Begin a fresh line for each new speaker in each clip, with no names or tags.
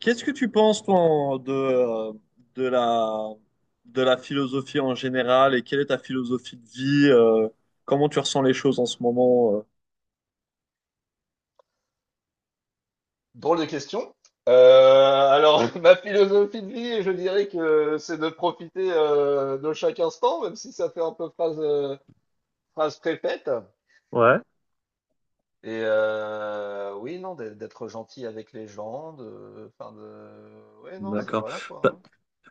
Qu'est-ce que tu penses, toi, de la, de la philosophie en général? Et quelle est ta philosophie de vie? Comment tu ressens les choses en ce moment?
Drôle de question. Ma philosophie de vie, je dirais que c'est de profiter de chaque instant, même si ça fait un peu phrase, phrase préfète.
Ouais,
Et oui, non, d'être gentil avec les gens, de, ouais, non, c'est
d'accord.
voilà quoi, hein.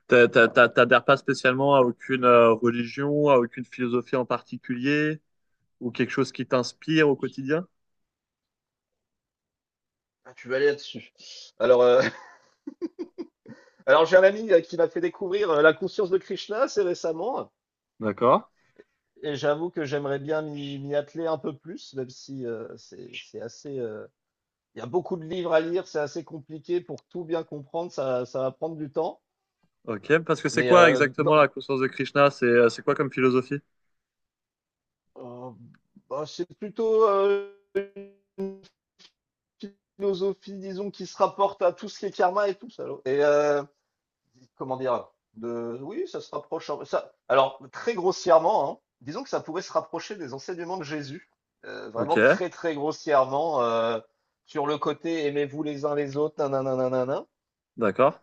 T'adhères pas spécialement à aucune religion, à aucune philosophie en particulier, ou quelque chose qui t'inspire au quotidien?
Ah, tu vas aller là-dessus. Alors, euh, alors j'ai un ami qui m'a fait découvrir la conscience de Krishna assez récemment,
D'accord.
et j'avoue que j'aimerais bien m'y atteler un peu plus, même si c'est assez, il y a beaucoup de livres à lire, c'est assez compliqué pour tout bien comprendre, ça va prendre du temps.
Ok, parce que c'est
Mais
quoi
euh,
exactement la
dans-
conscience de Krishna? C'est quoi comme philosophie?
euh, c'est plutôt une philosophie, disons, qui se rapporte à tout ce qui est karma et tout ça, alors. Et comment dire oui, ça se rapproche. Ça, alors, très grossièrement, hein, disons que ça pourrait se rapprocher des enseignements de Jésus,
Ok,
vraiment très, très grossièrement, sur le côté aimez-vous les uns les autres, nanana, nanana.
d'accord.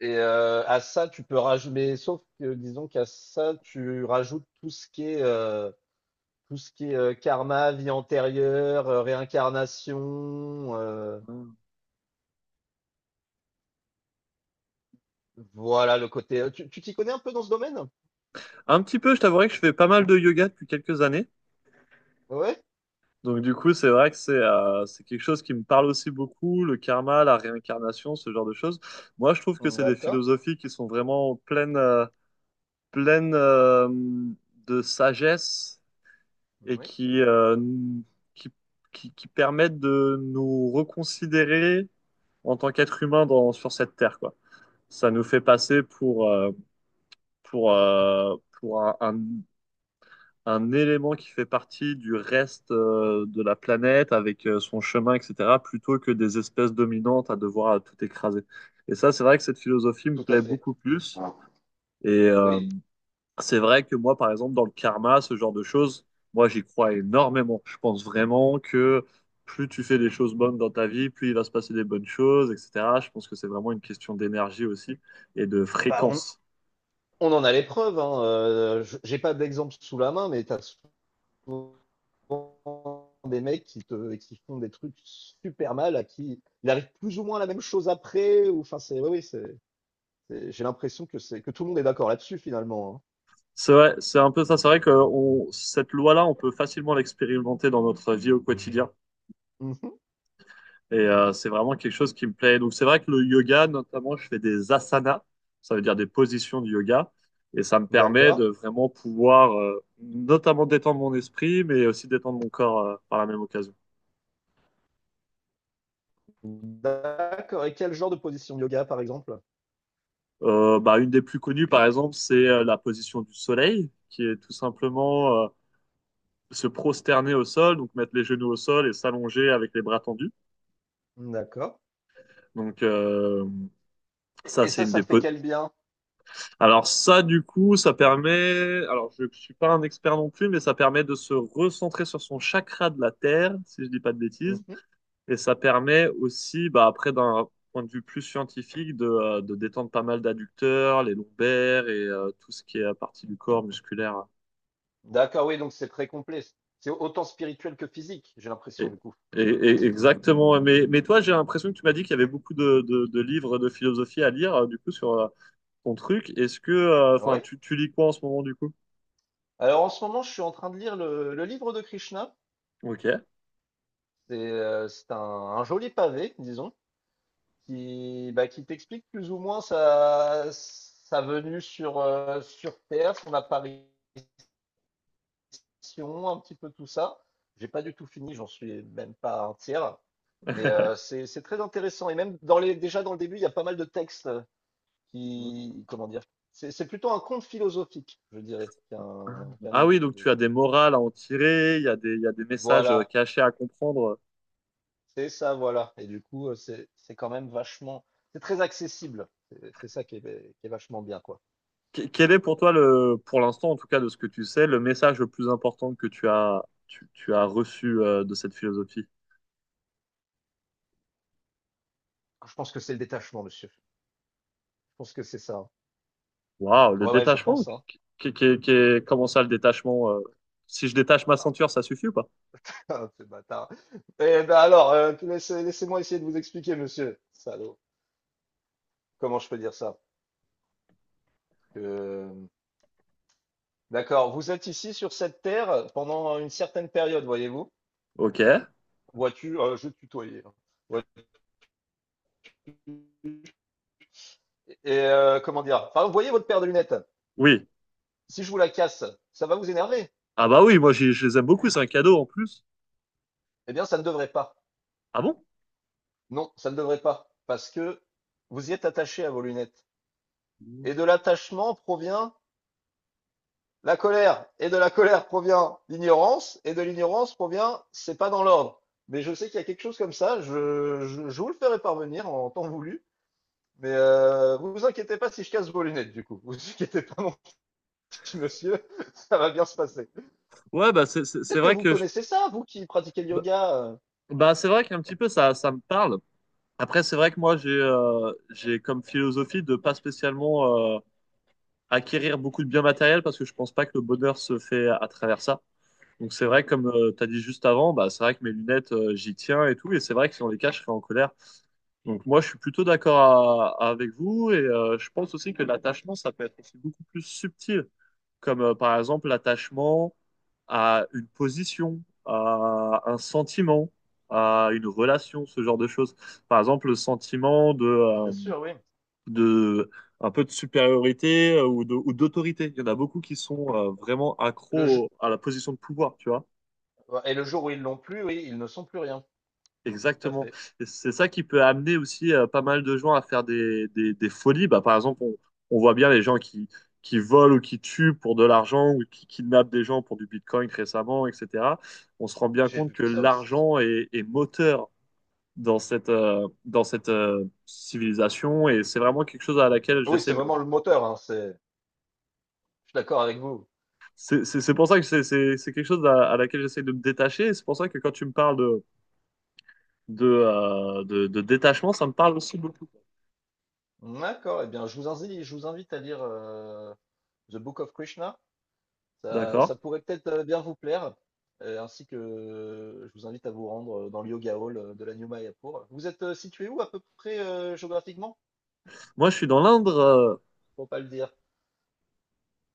Et à ça, tu peux rajouter, mais sauf que disons qu'à ça, tu rajoutes tout ce qui est, karma, vie antérieure, réincarnation,
Hmm.
voilà le côté. Tu t'y connais un peu dans ce domaine?
Un petit peu, je t'avouerai que je fais pas mal de yoga depuis quelques années.
Ouais?
Donc du coup, c'est vrai que c'est quelque chose qui me parle aussi beaucoup, le karma, la réincarnation, ce genre de choses. Moi, je trouve que c'est des
D'accord.
philosophies qui sont vraiment pleines de sagesse et
Oui,
qui, euh, qui, qui, qui permettent de nous reconsidérer en tant qu'être humain sur cette terre, quoi. Ça nous fait passer pour un élément qui fait partie du reste de la planète avec son chemin, etc., plutôt que des espèces dominantes à devoir tout écraser. Et ça, c'est vrai que cette philosophie me
tout à
plaît
fait.
beaucoup plus. Et, euh,
Oui.
C'est vrai que moi, par exemple, dans le karma, ce genre de choses, moi, j'y crois énormément. Je pense vraiment que plus tu fais des choses bonnes dans ta vie, plus il va se passer des bonnes choses, etc. Je pense que c'est vraiment une question d'énergie aussi et de
Bah, on,
fréquence.
on en a les preuves, hein. J'ai pas d'exemple sous la main, mais t'as des mecs qui font des trucs super mal, à qui il arrive plus ou moins la même chose après, ou enfin c'est, oui, oui, j'ai l'impression que c'est que tout le monde est d'accord là-dessus finalement,
C'est vrai, c'est un peu ça. C'est vrai que cette loi-là, on peut facilement l'expérimenter dans notre vie au quotidien.
hein. Mhm.
Et c'est vraiment quelque chose qui me plaît. Donc c'est vrai que le yoga, notamment, je fais des asanas, ça veut dire des positions de yoga, et ça me permet de
D'accord,
vraiment pouvoir notamment détendre mon esprit, mais aussi détendre mon corps par la même occasion.
d'accord. Et quel genre de position de yoga par exemple?
Bah, une des plus connues, par exemple, c'est la position du soleil, qui est tout simplement se prosterner au sol, donc mettre les genoux au sol et s'allonger avec les bras tendus.
D'accord.
Donc ça,
Et
c'est
ça,
une
ça
des,
te fait
po-
quel bien?
Alors ça, du coup, ça permet, alors je suis pas un expert non plus, mais ça permet de se recentrer sur son chakra de la Terre, si je dis pas de bêtises,
Mhm.
et ça permet aussi, bah, après d'un point de vue plus scientifique, de détendre pas mal d'adducteurs, les lombaires et tout ce qui est à partie du corps musculaire.
D'accord, oui, donc c'est très complet. C'est autant spirituel que physique, j'ai
Et,
l'impression du coup.
exactement. Mais toi, j'ai l'impression que tu m'as dit qu'il y avait beaucoup de livres de philosophie à lire, du coup, sur ton truc. Est-ce que,
Ah
enfin,
ouais?
tu lis quoi en ce moment, du coup?
Alors en ce moment, je suis en train de lire le livre de Krishna.
Ok.
C'est un joli pavé, disons. Qui, bah, qui t'explique plus ou moins sa, sa venue sur, sur Terre, son apparition, un petit peu tout ça. J'ai pas du tout fini, j'en suis même pas un tiers. Mais c'est très intéressant. Et même dans les, déjà dans le début, il y a pas mal de textes qui, comment dire, c'est plutôt un conte philosophique, je dirais, qu'un
Ah
livre de
oui, donc tu as
philosophie.
des morales à en tirer, il y a il y a des messages
Voilà,
cachés à comprendre.
c'est ça, voilà. Et du coup, c'est quand même vachement, c'est très accessible. C'est ça qui est vachement bien, quoi.
Quel est pour toi le, pour l'instant en tout cas de ce que tu sais, le message le plus important que tu as reçu de cette philosophie?
Je pense que c'est le détachement, monsieur. Je pense que c'est ça.
Waouh, le
Ouais, ouais, je
détachement?
pense, hein.
Comment ça le détachement? Si je détache ma
Bâtard.
ceinture, ça suffit ou pas?
Ce bâtard. Laissez-moi essayer de vous expliquer, monsieur. Salaud. Comment je peux dire ça? Que... D'accord. Vous êtes ici sur cette terre pendant une certaine période, voyez-vous?
Ok,
Vois-tu, je vais te tutoyer, hein. Ouais. Et comment dire? Par exemple, voyez votre paire de lunettes.
oui.
Si je vous la casse, ça va vous énerver?
Ah bah oui, je les aime beaucoup, c'est un cadeau en plus.
Eh bien, ça ne devrait pas.
Ah bon?
Non, ça ne devrait pas. Parce que vous y êtes attaché à vos lunettes. Et de l'attachement provient la colère, et de la colère provient l'ignorance, et de l'ignorance provient, c'est pas dans l'ordre. Mais je sais qu'il y a quelque chose comme ça, je vous le ferai parvenir en temps voulu. Mais vous vous inquiétez pas si je casse vos lunettes, du coup. Vous vous inquiétez pas, mon petit monsieur, ça va bien se passer.
C'est
Peut-être que
vrai
vous
que
connaissez ça, vous qui pratiquez le
bah,
yoga.
c'est vrai qu'un petit peu ça, ça me parle. Après, c'est vrai que moi, j'ai comme philosophie de pas spécialement acquérir beaucoup de biens matériels parce que je pense pas que le bonheur se fait à travers ça. Donc c'est vrai,
Mhm,
comme tu as dit juste avant, bah, c'est vrai que mes lunettes, j'y tiens et tout. Et c'est vrai que si on les cache, je serais en colère. Donc moi, je suis plutôt d'accord avec vous et je pense aussi que l'attachement, ça peut être aussi beaucoup plus subtil, comme par exemple l'attachement à une position, à un sentiment, à une relation, ce genre de choses. Par exemple, le sentiment
bien sûr, oui.
de un peu de supériorité ou d'autorité. Il y en a beaucoup qui sont vraiment
Le
accros à la position de pouvoir, tu vois.
Et le jour où ils l'ont plus, oui, ils ne sont plus rien. Tout à
Exactement.
fait.
Et c'est ça qui peut amener aussi pas mal de gens à faire des folies. Bah, par exemple, on voit bien les gens qui volent ou qui tuent pour de l'argent ou qui kidnappent des gens pour du Bitcoin récemment, etc. On se rend bien
J'ai
compte
vu
que
ça aussi.
est moteur dans dans cette civilisation et c'est vraiment quelque chose à laquelle
Oui,
j'essaie
c'est
de...
vraiment le moteur, hein, c'est... je suis d'accord avec vous.
C'est pour ça que c'est quelque chose à laquelle j'essaie de me détacher, et c'est pour ça que quand tu me parles de détachement, ça me parle aussi beaucoup.
D'accord, eh bien, je vous invite à lire The Book of Krishna. Ça,
D'accord?
ça pourrait peut-être bien vous plaire. Ainsi que je vous invite à vous rendre dans le Yoga Hall de la New Mayapur. Vous êtes situé où à peu près géographiquement?
Moi, je suis dans l'Indre,
Faut pas le dire.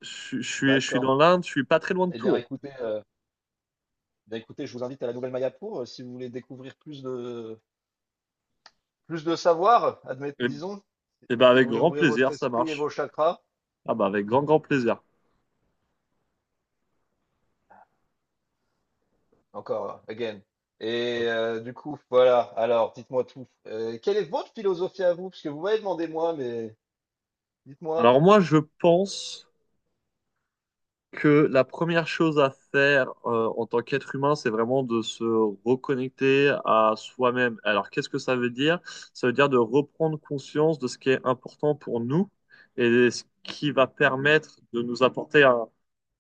je suis dans
D'accord.
l'Indre, je suis pas très loin de
Eh bien,
Tours.
écoutez, euh, eh bien, écoutez, je vous invite à la Nouvelle Mayapur si vous voulez découvrir plus de savoir, admettons,
Et,
disons,
et ben
si vous
avec
voulez
grand
ouvrir votre
plaisir, ça
esprit et
marche.
vos chakras.
Ah bah avec grand grand plaisir.
Encore, again. Et du coup, voilà. Alors, dites-moi tout. Quelle est votre philosophie à vous? Parce que vous m'avez demandé moi, mais dites-moi.
Alors moi, je pense que la première chose à faire en tant qu'être humain, c'est vraiment de se reconnecter à soi-même. Alors qu'est-ce que ça veut dire? Ça veut dire de reprendre conscience de ce qui est important pour nous et ce qui va permettre de nous apporter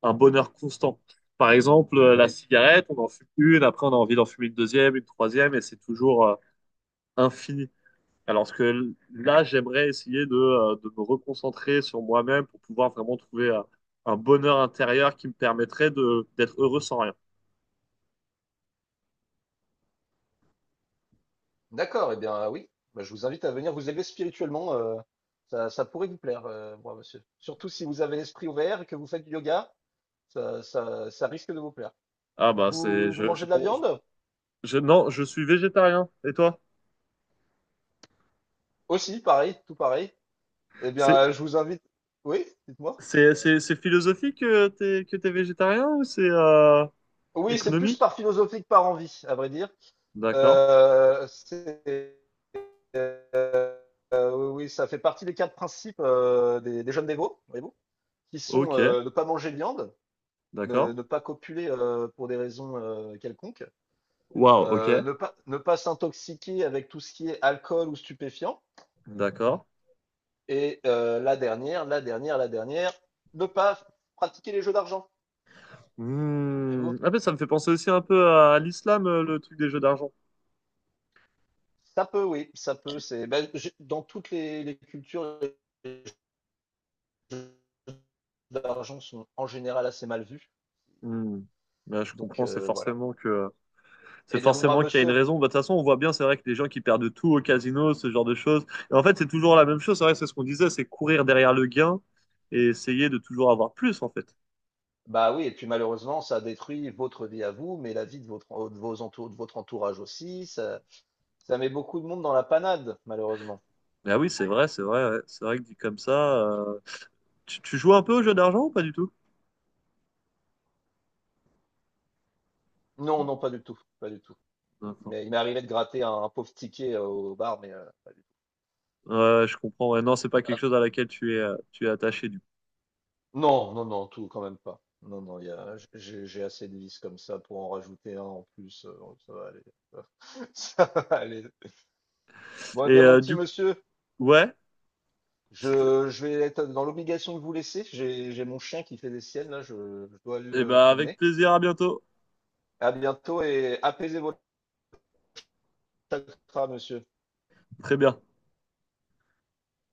un bonheur constant. Par exemple, la
Oui.
cigarette, on en fume une, après on a envie d'en fumer une deuxième, une troisième, et c'est toujours infini. Alors que là, j'aimerais essayer de me reconcentrer sur moi-même pour pouvoir vraiment trouver un bonheur intérieur qui me permettrait de d'être heureux sans rien.
D'accord. Eh bien, ah oui. Bah, je vous invite à venir vous élever spirituellement. Ça, ça pourrait vous plaire, moi, monsieur. Surtout si vous avez l'esprit ouvert et que vous faites du yoga, ça risque de vous plaire.
Ah bah c'est,
Vous, vous mangez
je
de la
pense,
viande?
je- Non, je suis végétarien. Et toi?
Aussi, pareil, tout pareil. Eh bien,
C'est,
je vous invite. Oui, dites-moi.
c'est philosophique que t'es végétarien ou c'est
Oui, c'est plus
économique?
par philosophie que par envie, à vrai dire.
D'accord.
C'est oui, oui, ça fait partie des quatre principes des jeunes dévots, voyez-vous, qui sont
Ok.
ne pas manger de viande,
D'accord.
ne pas copuler pour des raisons quelconques,
Waouh. Ok.
ne pas s'intoxiquer avec tout ce qui est alcool ou stupéfiant,
D'accord.
et la dernière, ne pas pratiquer les jeux d'argent, voyez-vous.
Hmm. Ah ben, ça me fait penser aussi un peu à l'islam, le truc des jeux d'argent.
Ça peut, oui, ça peut. C'est ben, dans toutes les cultures, les jeux d'argent sont en général assez mal vus.
Hmm. Ben, je comprends,
Voilà.
c'est
Eh bien, mon brave
forcément qu'il y a une
monsieur.
raison. Bah, de toute façon, on voit bien, c'est vrai que les gens qui perdent tout au casino, ce genre de choses. Et en fait, c'est toujours la même chose. C'est vrai, c'est ce qu'on disait, c'est courir derrière le gain et essayer de toujours avoir plus, en fait.
Bah oui, et puis malheureusement, ça détruit votre vie à vous, mais la vie de votre, de votre entourage aussi. Ça met beaucoup de monde dans la panade, malheureusement.
Ah oui, c'est vrai, ouais. C'est vrai que dit comme ça, euh, tu joues un peu aux jeux d'argent ou pas du tout?
Non, non, pas du tout, pas du tout.
D'accord.
Mais il m'est arrivé de gratter un pauvre ticket au bar, mais
Ouais, je comprends. Ouais, non, c'est pas quelque
ah,
chose à laquelle tu es attaché du coup.
non, non, non, tout quand même pas. Non, non, il y a, j'ai assez de vis comme ça pour en rajouter un en plus. Oh, ça va aller. Ça va aller. Bon, eh
Et
bien, mon
euh,
petit
du,
monsieur,
ouais.
je vais être dans l'obligation de vous laisser. J'ai mon chien qui fait des siennes, là, je dois
Eh ben
le
avec
promener.
plaisir, à bientôt.
À bientôt et apaisez vos chakras, monsieur.
Très bien.